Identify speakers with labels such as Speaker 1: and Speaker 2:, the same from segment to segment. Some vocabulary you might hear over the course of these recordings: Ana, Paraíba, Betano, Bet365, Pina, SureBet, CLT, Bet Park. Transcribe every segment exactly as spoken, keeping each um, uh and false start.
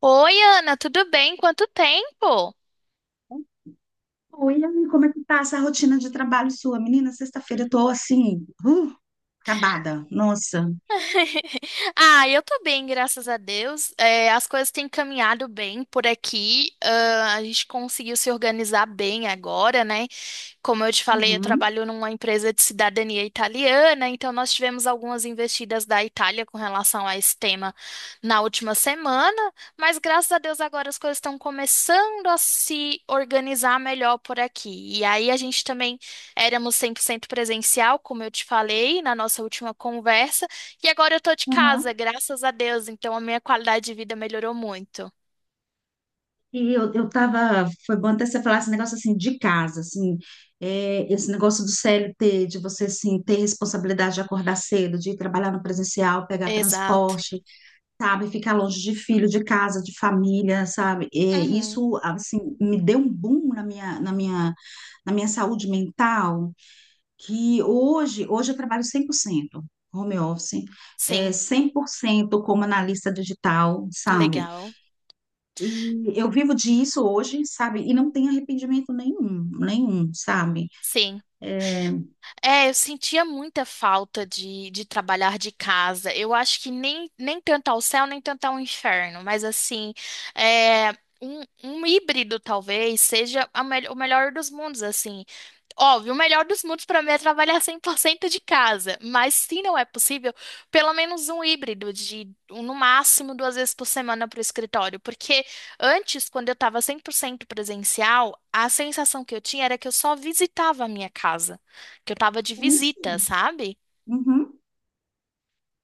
Speaker 1: Oi, Ana, tudo bem? Quanto tempo?
Speaker 2: Oi, Ami, como é que tá essa rotina de trabalho sua? Menina, sexta-feira eu tô assim, uh, acabada, nossa.
Speaker 1: Ah, eu tô bem, graças a Deus. É, as coisas têm caminhado bem por aqui. Ah, a gente conseguiu se organizar bem agora, né? Como eu te falei, eu
Speaker 2: Uhum,
Speaker 1: trabalho numa empresa de cidadania italiana, então nós tivemos algumas investidas da Itália com relação a esse tema na última semana, mas graças a Deus agora as coisas estão começando a se organizar melhor por aqui. E aí a gente também éramos cem por cento presencial, como eu te falei na nossa última conversa, e agora eu tô de casa,
Speaker 2: uhum.
Speaker 1: graças a Deus, então a minha qualidade de vida melhorou muito.
Speaker 2: E eu, eu tava, foi bom até você falar esse negócio assim de casa, assim, é, esse negócio do C L T, de você assim ter responsabilidade de acordar cedo, de ir trabalhar no presencial, pegar
Speaker 1: Exato.
Speaker 2: transporte, sabe, ficar longe de filho, de casa, de família, sabe? É,
Speaker 1: Uhum.
Speaker 2: isso assim me deu um boom na minha, na minha, na minha saúde mental, que hoje, hoje eu trabalho cem por cento home office, é,
Speaker 1: Sim.
Speaker 2: cem por cento como analista digital, sabe?
Speaker 1: Legal.
Speaker 2: E eu vivo disso hoje, sabe? E não tenho arrependimento nenhum, nenhum, sabe?
Speaker 1: Sim. É, eu sentia muita falta de, de trabalhar de casa. Eu acho que nem, nem tanto ao céu, nem tanto ao inferno, mas assim, é, um, um híbrido talvez seja a mel- o melhor dos mundos, assim. Óbvio, o melhor dos mundos para mim é trabalhar cem por cento de casa, mas se não é possível, pelo menos um híbrido de um, no máximo duas vezes por semana para o escritório, porque antes, quando eu estava cem por cento presencial, a sensação que eu tinha era que eu só visitava a minha casa, que eu estava de visita,
Speaker 2: Isso.
Speaker 1: sabe?
Speaker 2: Uhum.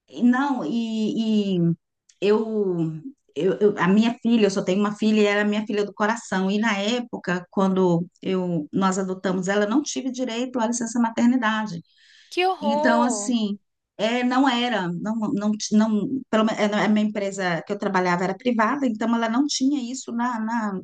Speaker 2: E não, e, e eu, eu, eu- a minha filha, eu só tenho uma filha e ela é minha filha do coração. E na época, quando eu, nós adotamos ela, eu não tive direito à licença maternidade.
Speaker 1: Que
Speaker 2: Então,
Speaker 1: horror!
Speaker 2: assim, é, não era, não, não, ti- não, pelo menos a minha empresa que eu trabalhava era privada, então ela não tinha isso na, na-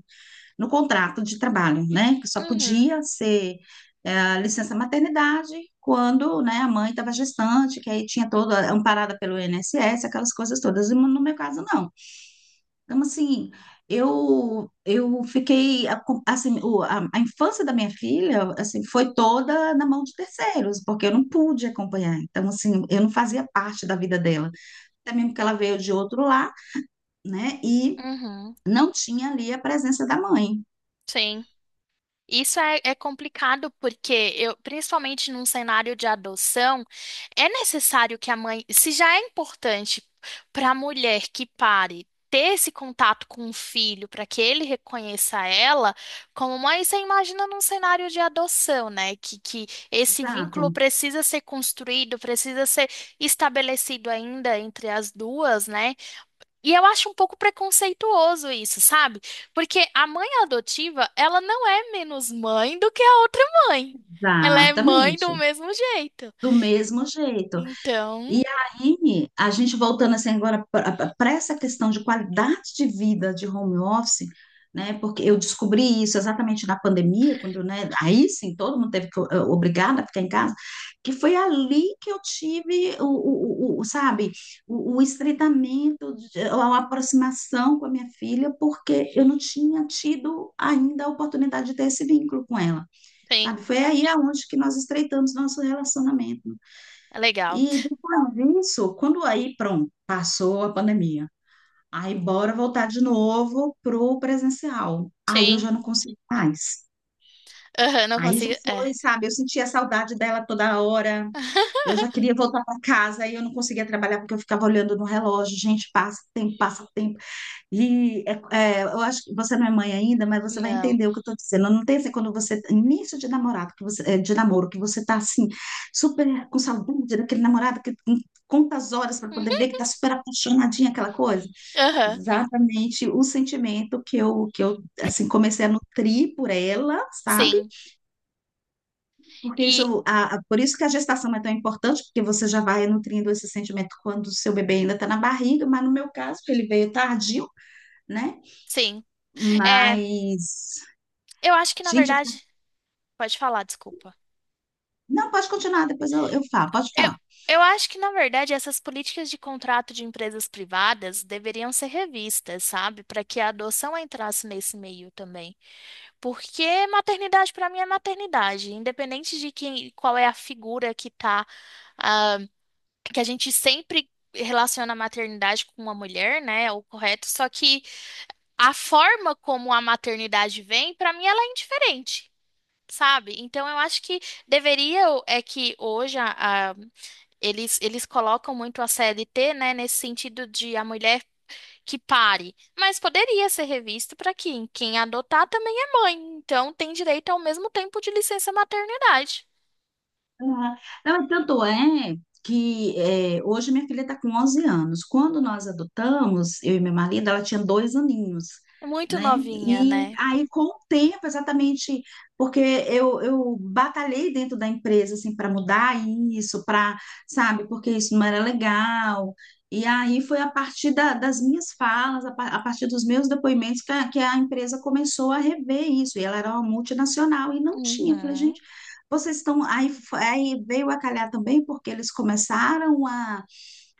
Speaker 2: no contrato de trabalho, né? Que só
Speaker 1: Uhum.
Speaker 2: podia ser é, licença maternidade quando, né, a mãe estava gestante, que aí tinha toda amparada pelo iness, aquelas coisas todas. E no meu caso, não. Então, assim, eu eu fiquei a- com- assim, o- a, a infância da minha filha, assim, foi toda na mão de terceiros, porque eu não pude acompanhar. Então, assim, eu não fazia parte da vida dela. Até mesmo que ela veio de outro lar, né? E
Speaker 1: uhum,
Speaker 2: não tinha ali a presença da mãe.
Speaker 1: sim. Isso é, é complicado porque eu, principalmente num cenário de adoção, é necessário que a mãe, se já é importante para a mulher que pare ter esse contato com o filho para que ele reconheça ela como mãe, você imagina num cenário de adoção, né? Que, que esse
Speaker 2: Exato.
Speaker 1: vínculo precisa ser construído, precisa ser estabelecido ainda entre as duas, né? E eu acho um pouco preconceituoso isso, sabe? Porque a mãe adotiva, ela não é menos mãe do que a outra mãe. Ela é mãe
Speaker 2: Exatamente.
Speaker 1: do mesmo jeito.
Speaker 2: Do mesmo jeito.
Speaker 1: Então,
Speaker 2: E aí, a gente voltando assim agora para essa questão de qualidade de vida de home office, né? Porque eu descobri isso exatamente na pandemia, quando, né? Aí sim, todo mundo teve que, eh, obrigado a ficar em casa, que foi ali que eu tive o, o, o- o- sabe, o, o estreitamento, de- a aproximação com a minha filha, porque eu não tinha tido ainda a oportunidade de ter esse vínculo com ela,
Speaker 1: sim,
Speaker 2: sabe? Foi aí aonde que nós estreitamos nosso relacionamento.
Speaker 1: é legal.
Speaker 2: E depois disso, quando aí, pronto, passou a pandemia. Aí, bora voltar de novo pro presencial. Aí eu
Speaker 1: Sim.
Speaker 2: já não consegui mais.
Speaker 1: Aham, não
Speaker 2: Aí já
Speaker 1: consigo. É.
Speaker 2: foi, sabe? Eu sentia saudade dela toda hora. Eu já queria voltar para casa, aí eu não conseguia trabalhar porque eu ficava olhando no relógio. Gente, passa tempo, passa tempo. E é- é, eu acho que você não é mãe ainda, mas você vai
Speaker 1: Não.
Speaker 2: entender o que eu estou dizendo. Não tem assim quando você início de namorado, que você, é, de namoro, que você está assim super com saudade daquele namorado que tem quantas horas para
Speaker 1: Uhum.
Speaker 2: poder ver que está super apaixonadinha aquela coisa.
Speaker 1: Aham.
Speaker 2: Exatamente o sentimento que eu que eu assim comecei a nutrir por ela, sabe?
Speaker 1: Sim.
Speaker 2: Porque
Speaker 1: E,
Speaker 2: isso, a, a- por isso que a gestação é tão importante, porque você já vai nutrindo esse sentimento quando o seu bebê ainda está na barriga, mas no meu caso, ele veio tardio né?
Speaker 1: sim. É,
Speaker 2: Mas,
Speaker 1: eu acho que na
Speaker 2: gente, eu...
Speaker 1: verdade. Pode falar, desculpa.
Speaker 2: não, pode continuar, depois eu, eu falo, pode
Speaker 1: Eu,
Speaker 2: falar.
Speaker 1: eu acho que, na verdade, essas políticas de contrato de empresas privadas deveriam ser revistas, sabe? Para que a adoção entrasse nesse meio também. Porque maternidade, para mim, é maternidade, independente de quem, qual é a figura que tá, ah, que a gente sempre relaciona a maternidade com uma mulher, né? É o correto. Só que a forma como a maternidade vem, para mim, ela é indiferente. Sabe? Então eu acho que deveria é que hoje a, a eles, eles colocam muito a C L T né, nesse sentido de a mulher que pare, mas poderia ser revisto para quem? Quem adotar também é mãe, então tem direito ao mesmo tempo de licença maternidade.
Speaker 2: Uhum. Não, e tanto é que é, hoje minha filha está com onze anos. Quando nós adotamos, eu e meu marido, ela tinha dois aninhos,
Speaker 1: É muito
Speaker 2: né?
Speaker 1: novinha,
Speaker 2: E
Speaker 1: né?
Speaker 2: aí, com o tempo, exatamente, porque eu, eu batalhei dentro da empresa, assim, para mudar isso, para, sabe, porque isso não era legal. E aí foi a partir da- das minhas falas, a, pa- a partir dos meus depoimentos, que a, que a empresa começou a rever isso. E ela era uma multinacional e não tinha. Eu falei, gente.
Speaker 1: Uhum.
Speaker 2: Vocês estão aí, f- aí veio a calhar também porque eles começaram a,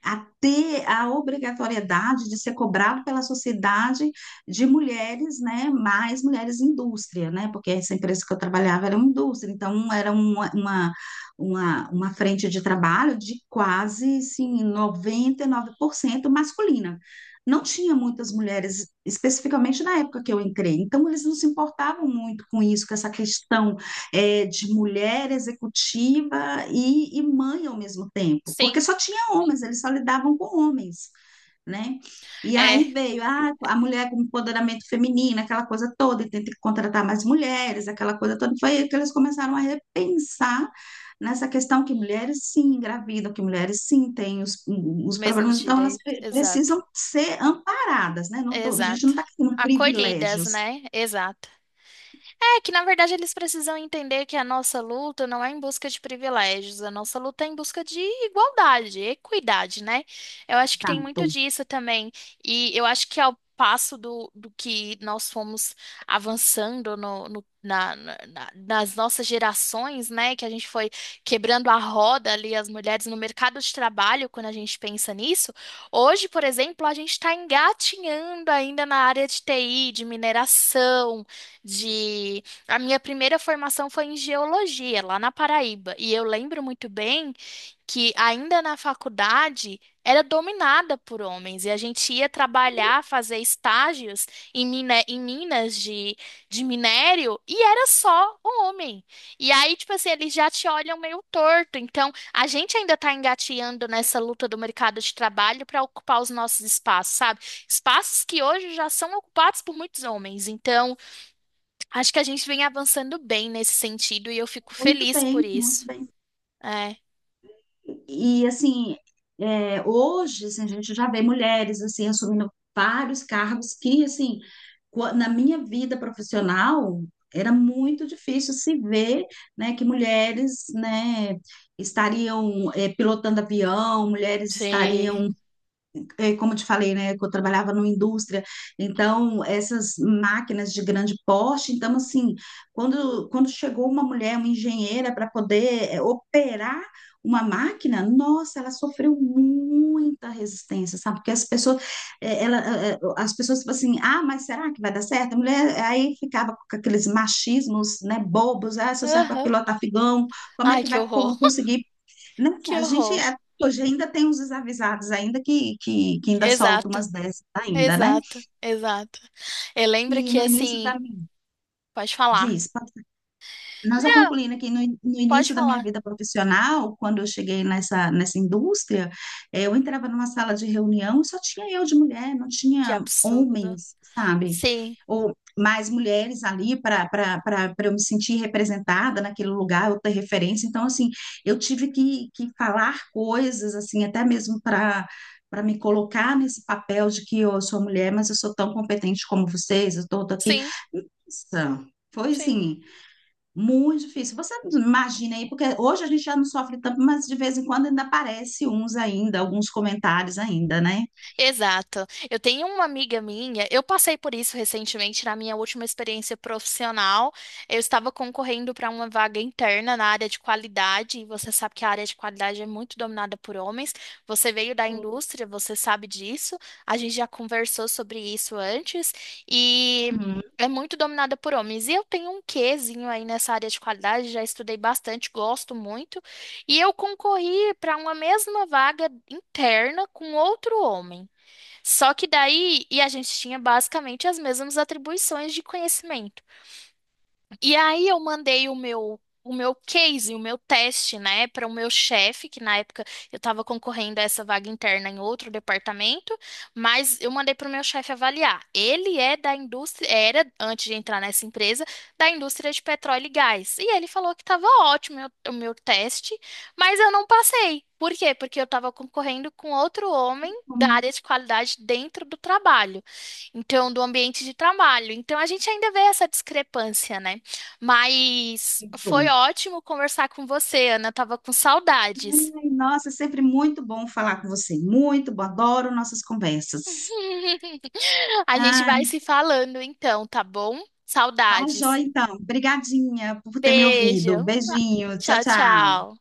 Speaker 2: a ter a obrigatoriedade de ser cobrado pela sociedade de mulheres, né, mais mulheres indústria, né, porque essa empresa que eu trabalhava era uma indústria, então era uma, uma, uma, uma frente de trabalho de quase, assim, noventa e nove por cento masculina. Não tinha muitas mulheres, especificamente na época que eu entrei, então eles não se importavam muito com isso, com essa questão é, de mulher executiva e, e mãe ao mesmo tempo, porque
Speaker 1: Sim,
Speaker 2: só tinha homens, eles só lidavam com homens, né? E
Speaker 1: é,
Speaker 2: aí veio ah, a mulher com empoderamento feminino, aquela coisa toda, e tem que contratar mais mulheres, aquela coisa toda. Foi aí que eles começaram a repensar nessa questão que mulheres sim engravidam, que mulheres sim têm os, os
Speaker 1: mesmo
Speaker 2: problemas, então elas
Speaker 1: direito,
Speaker 2: pre-
Speaker 1: exato,
Speaker 2: precisam ser amparadas, né? Não tô, a gente não
Speaker 1: exato.
Speaker 2: está querendo
Speaker 1: Acolhidas,
Speaker 2: privilégios.
Speaker 1: né? Exato. É que, na verdade, eles precisam entender que a nossa luta não é em busca de privilégios, a nossa luta é em busca de igualdade, equidade, né? Eu acho que tem
Speaker 2: Exato.
Speaker 1: muito disso também. E eu acho que ao passo do, do que nós fomos avançando no, no- na- na- na- nas nossas gerações, né? Que a gente foi quebrando a roda ali, as mulheres no mercado de trabalho, quando a gente pensa nisso. Hoje, por exemplo, a gente está engatinhando ainda na área de T I, de mineração de a minha primeira formação foi em geologia, lá na Paraíba. E eu lembro muito bem que ainda na faculdade era dominada por homens. E a gente ia trabalhar, fazer estágios em, mina- em minas de, de minério e era só homem. E aí, tipo assim, eles já te olham meio torto. Então, a gente ainda está engateando nessa luta do mercado de trabalho para ocupar os nossos espaços, sabe? Espaços que hoje já são ocupados por muitos homens. Então, acho que a gente vem avançando bem nesse sentido e eu fico
Speaker 2: Muito
Speaker 1: feliz por
Speaker 2: bem, muito
Speaker 1: isso.
Speaker 2: bem.
Speaker 1: É.
Speaker 2: E assim, é, hoje assim, a gente já vê mulheres assim assumindo vários cargos que assim, qua- na minha vida profissional era muito difícil se ver, né, que mulheres, né, estariam é, pilotando avião, mulheres estariam
Speaker 1: Sim.
Speaker 2: é, como eu te falei, né, que eu trabalhava numa indústria, então essas máquinas de grande porte, então assim, quando, quando chegou uma mulher, uma engenheira, para poder é, operar uma máquina, nossa, ela sofreu muita resistência, sabe? Porque as pessoas, é, ela, é, é, as pessoas tipo assim, ah, mas será que vai dar certo? A mulher aí ficava com aqueles machismos, né, bobos, ah, se eu serve para
Speaker 1: Aham.
Speaker 2: pilotar figão, como é
Speaker 1: Ai,
Speaker 2: que
Speaker 1: que
Speaker 2: vai co-
Speaker 1: horror.
Speaker 2: conseguir não,
Speaker 1: Que
Speaker 2: a gente
Speaker 1: horror.
Speaker 2: é- hoje ainda tem uns desavisados ainda que, que, que ainda soltam
Speaker 1: Exato.
Speaker 2: umas dessas ainda, né?
Speaker 1: Exato. Exato. Eu
Speaker 2: E
Speaker 1: lembro que
Speaker 2: no início
Speaker 1: assim,
Speaker 2: da minha,
Speaker 1: pode falar.
Speaker 2: diz, nós só
Speaker 1: Não,
Speaker 2: concluindo aqui, no, no
Speaker 1: pode
Speaker 2: início da minha
Speaker 1: falar.
Speaker 2: vida profissional, quando eu cheguei nessa, nessa indústria, eh, eu entrava numa sala de reunião e só tinha eu de mulher, não
Speaker 1: Que
Speaker 2: tinha
Speaker 1: absurdo.
Speaker 2: homens, sabe?
Speaker 1: Sim.
Speaker 2: Ou mais mulheres ali para para eu me sentir representada naquele lugar, eu ter referência. Então, assim, eu tive que, que falar coisas, assim, até mesmo para para me colocar nesse papel de que eu sou mulher, mas eu sou tão competente como vocês, eu estou aqui.
Speaker 1: Sim.
Speaker 2: Nossa, foi
Speaker 1: Sim.
Speaker 2: assim. Muito difícil. Você imagina aí, porque hoje a gente já não sofre tanto, mas de vez em quando ainda aparece uns ainda, alguns comentários ainda, né?
Speaker 1: Exato. Eu tenho uma amiga minha, eu passei por isso recentemente na minha última experiência profissional. Eu estava concorrendo para uma vaga interna na área de qualidade, e você sabe que a área de qualidade é muito dominada por homens. Você veio da
Speaker 2: Sim.
Speaker 1: indústria, você sabe disso. A gente já conversou sobre isso antes e
Speaker 2: Uhum.
Speaker 1: é muito dominada por homens. E eu tenho um quezinho aí nessa área de qualidade, já estudei bastante, gosto muito. E eu concorri para uma mesma vaga interna com outro homem. Só que daí, e a gente tinha basicamente as mesmas atribuições de conhecimento. E aí eu mandei o meu o meu case, o meu teste, né, para o meu chefe, que na época eu estava concorrendo a essa vaga interna em outro departamento, mas eu mandei para o meu chefe avaliar. Ele é da indústria, era antes de entrar nessa empresa, da indústria de petróleo e gás. E ele falou que estava ótimo o meu o meu teste, mas eu não passei. Por quê? Porque eu estava concorrendo com outro homem da área de qualidade dentro do trabalho, então do ambiente de trabalho. Então a gente ainda vê essa discrepância, né? Mas
Speaker 2: Muito.
Speaker 1: foi ótimo conversar com você, Ana. Eu tava com saudades.
Speaker 2: Ai, nossa, é sempre muito bom falar com você. Muito bom, adoro nossas conversas.
Speaker 1: A gente
Speaker 2: Ah,
Speaker 1: vai se falando então, tá bom?
Speaker 2: tá
Speaker 1: Saudades.
Speaker 2: joia então. Obrigadinha por ter me ouvido.
Speaker 1: Beijo.
Speaker 2: Beijinho, tchau,
Speaker 1: Tchau,
Speaker 2: tchau.
Speaker 1: tchau.